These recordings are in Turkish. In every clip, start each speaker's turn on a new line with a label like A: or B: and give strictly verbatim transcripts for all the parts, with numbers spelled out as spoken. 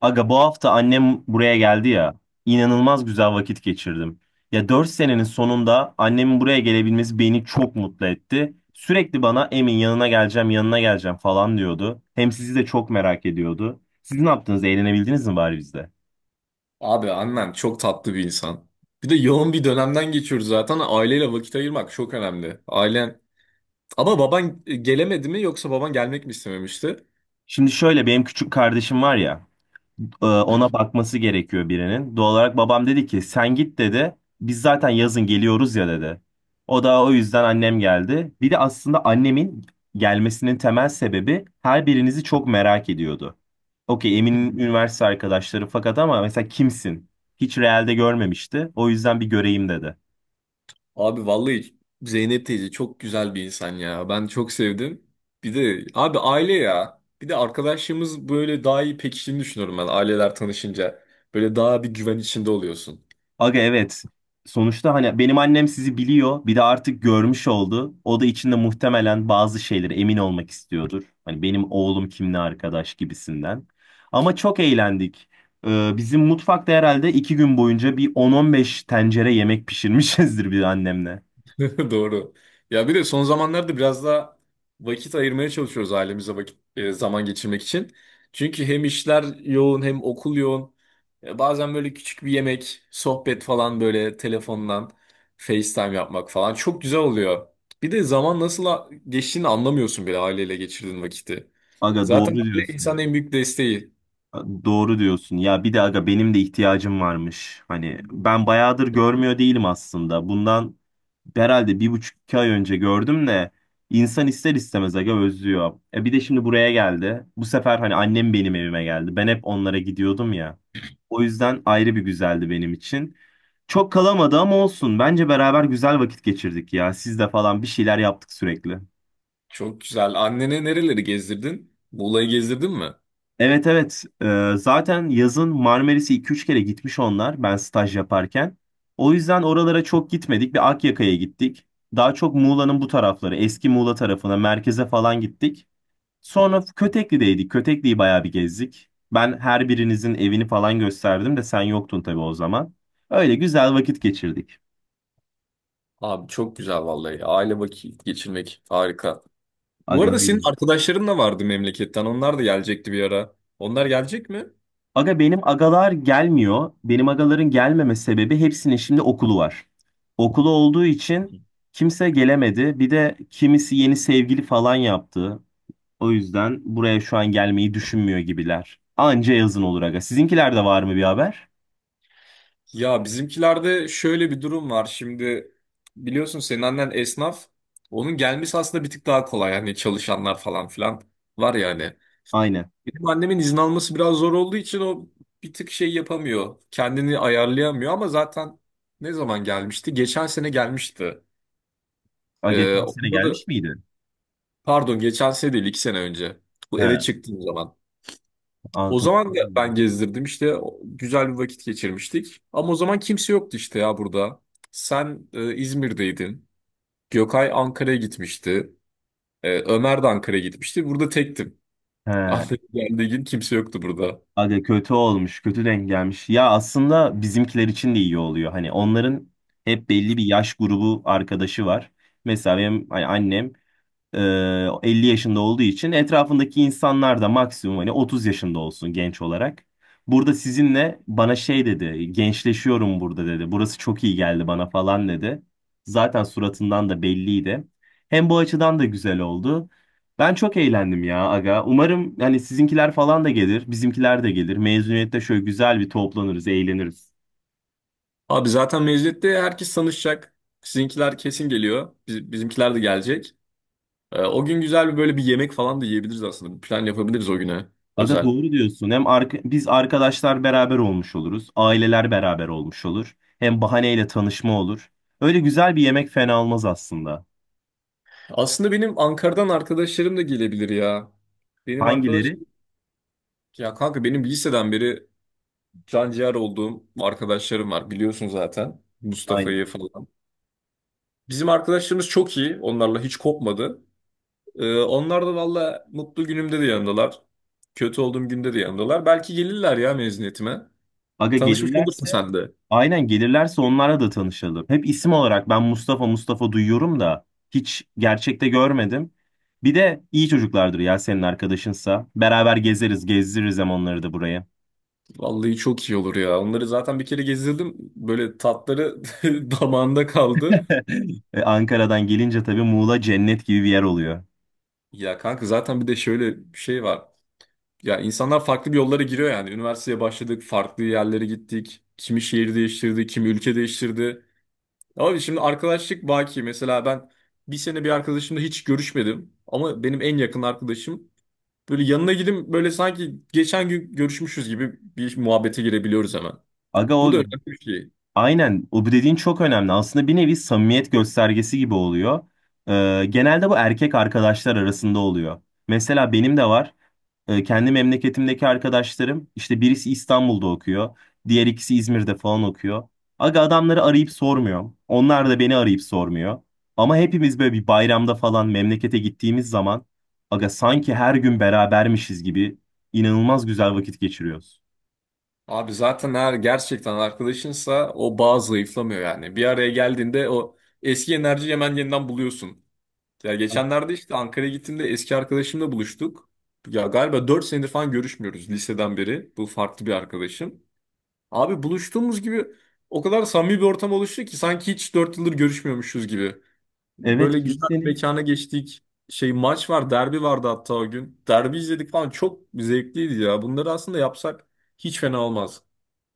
A: Aga bu hafta annem buraya geldi ya. İnanılmaz güzel vakit geçirdim. Ya dört senenin sonunda annemin buraya gelebilmesi beni çok mutlu etti. Sürekli bana Emin yanına geleceğim, yanına geleceğim falan diyordu. Hem sizi de çok merak ediyordu. Siz ne yaptınız? Eğlenebildiniz mi bari bizde?
B: Abi annen çok tatlı bir insan. Bir de yoğun bir dönemden geçiyoruz zaten. Aileyle vakit ayırmak çok önemli. Ailen... Ama baban gelemedi mi yoksa baban gelmek mi istememişti?
A: Şimdi şöyle benim küçük kardeşim var ya. Ee, Ona bakması gerekiyor birinin. Doğal olarak babam dedi ki sen git dedi. Biz zaten yazın geliyoruz ya dedi. O da o yüzden annem geldi. Bir de aslında annemin gelmesinin temel sebebi her birinizi çok merak ediyordu. Okey Emin'in üniversite arkadaşları fakat ama mesela kimsin? Hiç realde görmemişti. O yüzden bir göreyim dedi.
B: Abi vallahi Zeynep teyze çok güzel bir insan ya. Ben çok sevdim. Bir de abi aile ya. Bir de arkadaşlığımız böyle daha iyi pekiştiğini düşünüyorum ben aileler tanışınca. Böyle daha bir güven içinde oluyorsun.
A: Aga evet. Sonuçta hani benim annem sizi biliyor. Bir de artık görmüş oldu. O da içinde muhtemelen bazı şeylere emin olmak istiyordur. Hani benim oğlum kimle arkadaş gibisinden. Ama çok eğlendik. Ee, bizim mutfakta herhalde iki gün boyunca bir on on beş tencere yemek pişirmişizdir bir annemle.
B: Doğru. Ya bir de son zamanlarda biraz daha vakit ayırmaya çalışıyoruz ailemize vakit e, zaman geçirmek için. Çünkü hem işler yoğun hem okul yoğun. E, bazen böyle küçük bir yemek, sohbet falan böyle telefondan FaceTime yapmak falan çok güzel oluyor. Bir de zaman nasıl a- geçtiğini anlamıyorsun bile aileyle geçirdiğin vakiti.
A: Aga doğru
B: Zaten aile
A: diyorsun.
B: insanın en büyük desteği.
A: Doğru diyorsun. Ya bir de aga benim de ihtiyacım varmış. Hani ben bayağıdır görmüyor değilim aslında. Bundan herhalde bir buçuk iki ay önce gördüm de insan ister istemez aga özlüyor. E bir de şimdi buraya geldi. Bu sefer hani annem benim evime geldi. Ben hep onlara gidiyordum ya. O yüzden ayrı bir güzeldi benim için. Çok kalamadı ama olsun. Bence beraber güzel vakit geçirdik ya. Siz de falan bir şeyler yaptık sürekli.
B: Çok güzel. Annene nereleri gezdirdin? Muğla'yı gezdirdin mi?
A: Evet, evet. Ee, zaten yazın Marmaris'e iki üç kere gitmiş onlar ben staj yaparken. O yüzden oralara çok gitmedik. Bir Akyaka'ya gittik. Daha çok Muğla'nın bu tarafları, eski Muğla tarafına, merkeze falan gittik. Sonra Kötekli'deydik. Kötekli'yi bayağı bir gezdik. Ben her birinizin evini falan gösterdim de sen yoktun tabii o zaman. Öyle güzel vakit geçirdik.
B: Abi çok güzel vallahi. Aile vakit geçirmek harika. Bu
A: Aga
B: arada
A: öyle.
B: senin arkadaşların da vardı memleketten. Onlar da gelecekti bir ara. Onlar gelecek mi?
A: Aga benim agalar gelmiyor. Benim agaların gelmeme sebebi hepsinin şimdi okulu var. Okulu olduğu için kimse gelemedi. Bir de kimisi yeni sevgili falan yaptı. O yüzden buraya şu an gelmeyi düşünmüyor gibiler. Anca yazın olur aga. Sizinkilerde var mı bir haber?
B: Ya bizimkilerde şöyle bir durum var. Şimdi biliyorsun senin annen esnaf. Onun gelmesi aslında bir tık daha kolay. Hani çalışanlar falan filan var yani.
A: Aynen.
B: Benim annemin izin alması biraz zor olduğu için o bir tık şey yapamıyor. Kendini ayarlayamıyor ama zaten ne zaman gelmişti? Geçen sene gelmişti.
A: Aga
B: Ee,
A: geçen sene
B: onda da
A: gelmiş miydi?
B: pardon geçen sene değil iki sene önce. Bu
A: He.
B: eve çıktığım zaman. O
A: Altı.
B: zaman da ben gezdirdim işte o- güzel bir vakit geçirmiştik. Ama o zaman kimse yoktu işte ya burada. Sen e, İzmir'deydin. Gökay Ankara'ya gitmişti. E, Ömer de Ankara'ya gitmişti. Burada tektim.
A: He.
B: Ankara'ya geldiği gün kimse yoktu burada.
A: Aga kötü olmuş, kötü denk gelmiş. Ya aslında bizimkiler için de iyi oluyor. Hani onların hep belli bir yaş grubu arkadaşı var. Mesela benim hani annem ee, elli yaşında olduğu için etrafındaki insanlar da maksimum hani otuz yaşında olsun genç olarak. Burada sizinle bana şey dedi, gençleşiyorum burada dedi. Burası çok iyi geldi bana falan dedi. Zaten suratından da belliydi. Hem bu açıdan da güzel oldu. Ben çok eğlendim ya aga. Umarım hani sizinkiler falan da gelir, bizimkiler de gelir. Mezuniyette şöyle güzel bir toplanırız, eğleniriz.
B: Abi zaten mezuniyette herkes tanışacak. Sizinkiler kesin geliyor. Biz- bizimkiler de gelecek. E, o gün güzel bir böyle bir yemek falan da yiyebiliriz aslında. Bir plan yapabiliriz o güne
A: Aga
B: özel.
A: doğru diyorsun. Hem arka, biz arkadaşlar beraber olmuş oluruz. Aileler beraber olmuş olur. Hem bahaneyle tanışma olur. Öyle güzel bir yemek fena olmaz aslında.
B: Aslında benim Ankara'dan arkadaşlarım da gelebilir ya. Benim
A: Hangileri?
B: arkadaşım ya kanka benim liseden beri can ciğer olduğum arkadaşlarım var biliyorsun zaten
A: Aynen.
B: Mustafa'yı falan. Bizim arkadaşlarımız çok iyi onlarla hiç kopmadı. Ee, onlar da valla mutlu günümde de yanımdalar. Kötü olduğum günde de yanımdalar. Belki gelirler ya mezuniyetime.
A: Aga
B: Tanışmış olursun
A: gelirlerse
B: sen de.
A: aynen gelirlerse onlarla da tanışalım. Hep isim olarak ben Mustafa Mustafa duyuyorum da hiç gerçekte görmedim. Bir de iyi çocuklardır ya senin arkadaşınsa. Beraber gezeriz, gezdiririz hem onları da buraya.
B: Vallahi çok iyi olur ya. Onları zaten bir kere gezdirdim. Böyle tatları damağında kaldı.
A: E, Ankara'dan gelince tabii Muğla cennet gibi bir yer oluyor.
B: Ya kanka zaten bir de şöyle bir şey var. Ya insanlar farklı bir yollara giriyor yani. Üniversiteye başladık, farklı yerlere gittik. Kimi şehir değiştirdi, kimi ülke değiştirdi. Ama şimdi arkadaşlık baki. Mesela ben bir sene bir arkadaşımla hiç görüşmedim. Ama benim en yakın arkadaşım. Böyle yanına gidip böyle sanki geçen gün görüşmüşüz gibi bir muhabbete girebiliyoruz hemen.
A: Aga
B: Bu da
A: o.
B: önemli bir şey.
A: Aynen o bu dediğin çok önemli. Aslında bir nevi samimiyet göstergesi gibi oluyor. Ee, genelde bu erkek arkadaşlar arasında oluyor. Mesela benim de var. Ee, kendi memleketimdeki arkadaşlarım işte birisi İstanbul'da okuyor. Diğer ikisi İzmir'de falan okuyor. Aga adamları arayıp sormuyorum. Onlar da beni arayıp sormuyor. Ama hepimiz böyle bir bayramda falan memlekete gittiğimiz zaman aga sanki her gün berabermişiz gibi inanılmaz güzel vakit geçiriyoruz.
B: Abi zaten eğer gerçekten arkadaşınsa o bağ zayıflamıyor yani. Bir araya geldiğinde o eski enerjiyi hemen yeniden buluyorsun. Ya geçenlerde işte Ankara'ya gittiğimde eski arkadaşımla buluştuk. Ya galiba dört senedir falan görüşmüyoruz liseden beri. Bu farklı bir arkadaşım. Abi buluştuğumuz gibi o kadar samimi bir ortam oluştu ki sanki hiç dört yıldır görüşmüyormuşuz gibi.
A: Evet,
B: Böyle güzel bir
A: kimsenin.
B: mekana geçtik. Şey maç var, derbi vardı hatta o gün. Derbi izledik falan çok zevkliydi ya. Bunları aslında yapsak hiç fena olmaz.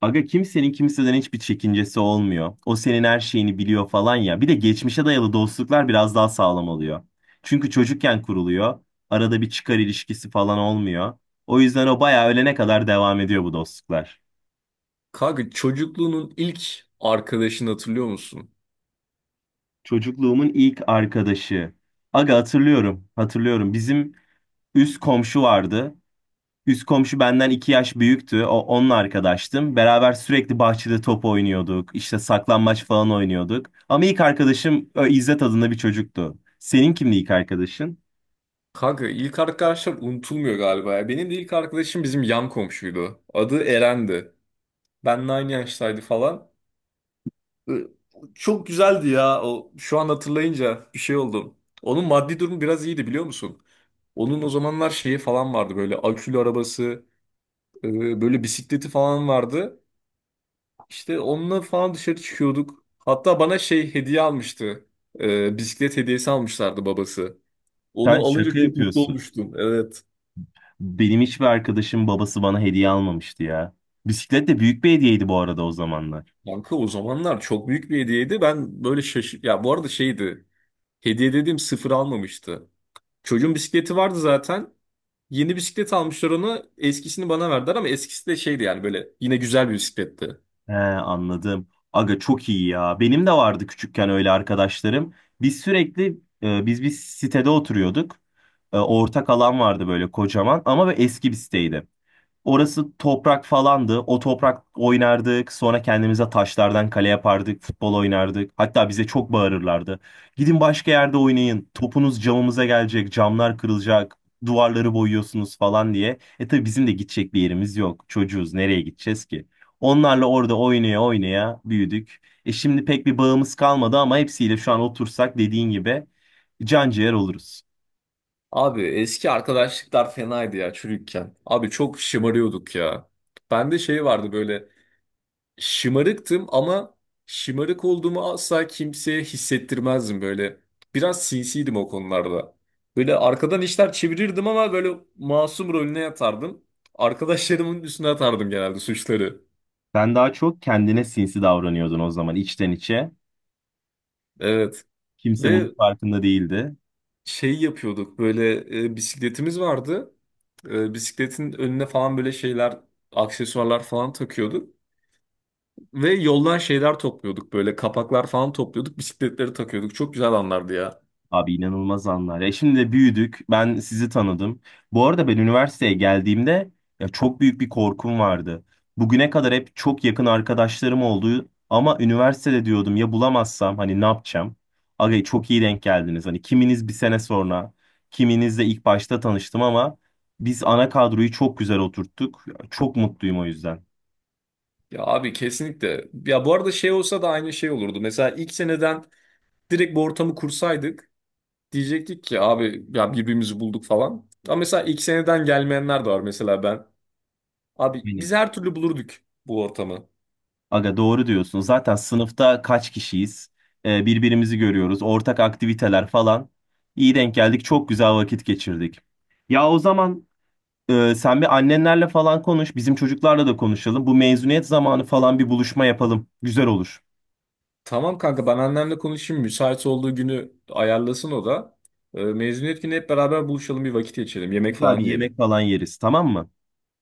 A: Aga kimsenin kimseden hiçbir çekincesi olmuyor. O senin her şeyini biliyor falan ya. Bir de geçmişe dayalı dostluklar biraz daha sağlam oluyor. Çünkü çocukken kuruluyor. Arada bir çıkar ilişkisi falan olmuyor. O yüzden o bayağı ölene kadar devam ediyor bu dostluklar.
B: Kanka çocukluğunun ilk arkadaşını hatırlıyor musun?
A: Çocukluğumun ilk arkadaşı. Aga hatırlıyorum, hatırlıyorum. Bizim üst komşu vardı. Üst komşu benden iki yaş büyüktü. O, onunla arkadaştım. Beraber sürekli bahçede top oynuyorduk. İşte saklambaç falan oynuyorduk. Ama ilk arkadaşım e, İzzet adında bir çocuktu. Senin kimdi ilk arkadaşın?
B: Kanka ilk arkadaşlar unutulmuyor galiba ya. Benim de ilk arkadaşım bizim yan komşuydu. Adı Eren'di. Benle aynı yaştaydı falan. Ee, Çok güzeldi ya. O, şu an hatırlayınca bir şey oldum. Onun maddi durumu biraz iyiydi biliyor musun? Onun o zamanlar şeyi falan vardı böyle akülü arabası, e, böyle bisikleti falan vardı. İşte onunla falan dışarı çıkıyorduk. Hatta bana şey hediye almıştı. Ee, bisiklet hediyesi almışlardı babası. Onu
A: Sen
B: alınca
A: şaka
B: çok mutlu
A: yapıyorsun.
B: olmuştum. Evet.
A: Benim hiçbir arkadaşım babası bana hediye almamıştı ya. Bisiklet de büyük bir hediyeydi bu arada o zamanlar.
B: Kanka o zamanlar çok büyük bir hediyeydi. Ben böyle şaşır... Ya bu arada şeydi. Hediye dediğim sıfır almamıştı. Çocuğun bisikleti vardı zaten. Yeni bisiklet almışlar ona. Eskisini bana verdiler ama eskisi de şeydi yani böyle yine güzel bir bisikletti.
A: He, anladım. Aga çok iyi ya. Benim de vardı küçükken öyle arkadaşlarım. Biz sürekli e, biz bir sitede oturuyorduk. E, ortak alan vardı böyle kocaman ama böyle eski bir siteydi. Orası toprak falandı. O toprak oynardık. Sonra kendimize taşlardan kale yapardık. Futbol oynardık. Hatta bize çok bağırırlardı. Gidin başka yerde oynayın. Topunuz camımıza gelecek. Camlar kırılacak. Duvarları boyuyorsunuz falan diye. E tabii bizim de gidecek bir yerimiz yok. Çocuğuz. Nereye gideceğiz ki? Onlarla orada oynaya oynaya büyüdük. E şimdi pek bir bağımız kalmadı ama hepsiyle şu an otursak dediğin gibi can ciğer oluruz.
B: Abi eski arkadaşlıklar fenaydı ya çocukken. Abi çok şımarıyorduk ya. Bende şey vardı böyle şımarıktım ama şımarık olduğumu asla kimseye hissettirmezdim böyle. Biraz sinsiydim o konularda. Böyle arkadan işler çevirirdim ama böyle masum rolüne yatardım. Arkadaşlarımın üstüne atardım genelde suçları.
A: Sen daha çok kendine sinsi davranıyordun o zaman içten içe.
B: Evet.
A: Kimse bunun
B: Ve
A: farkında değildi.
B: şey yapıyorduk böyle e, bisikletimiz vardı. E, bisikletin önüne falan böyle şeyler, aksesuarlar falan takıyorduk. Ve yoldan şeyler topluyorduk böyle kapaklar falan topluyorduk. Bisikletleri takıyorduk. Çok güzel anlardı ya.
A: Abi inanılmaz anlar. Ya şimdi de büyüdük. Ben sizi tanıdım. Bu arada ben üniversiteye geldiğimde ya çok büyük bir korkum vardı. Bugüne kadar hep çok yakın arkadaşlarım oldu ama üniversitede diyordum ya bulamazsam hani ne yapacağım? Aga çok iyi denk geldiniz. Hani kiminiz bir sene sonra, kiminiz de ilk başta tanıştım ama biz ana kadroyu çok güzel oturttuk. Çok mutluyum o yüzden.
B: Ya abi kesinlikle. Ya bu arada şey olsa da aynı şey olurdu. Mesela ilk seneden direkt bu ortamı kursaydık diyecektik ki abi ya birbirimizi bulduk falan. Ama mesela ilk seneden gelmeyenler de var mesela ben. Abi biz her türlü bulurduk bu ortamı.
A: Aga doğru diyorsun. Zaten sınıfta kaç kişiyiz? Ee, birbirimizi görüyoruz. Ortak aktiviteler falan. İyi denk geldik. Çok güzel vakit geçirdik. Ya o zaman e, sen bir annenlerle falan konuş. Bizim çocuklarla da konuşalım. Bu mezuniyet zamanı falan bir buluşma yapalım. Güzel olur.
B: Tamam kanka ben annemle konuşayım. Müsait olduğu günü ayarlasın o da. Ee, mezuniyet günü hep beraber buluşalım bir vakit geçirelim. Yemek
A: Güzel
B: falan
A: bir
B: yiyelim.
A: yemek falan yeriz. Tamam mı?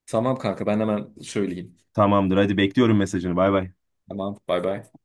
B: Tamam kanka ben hemen söyleyeyim.
A: Tamamdır. Hadi bekliyorum mesajını. Bay bay.
B: Tamam bay bay.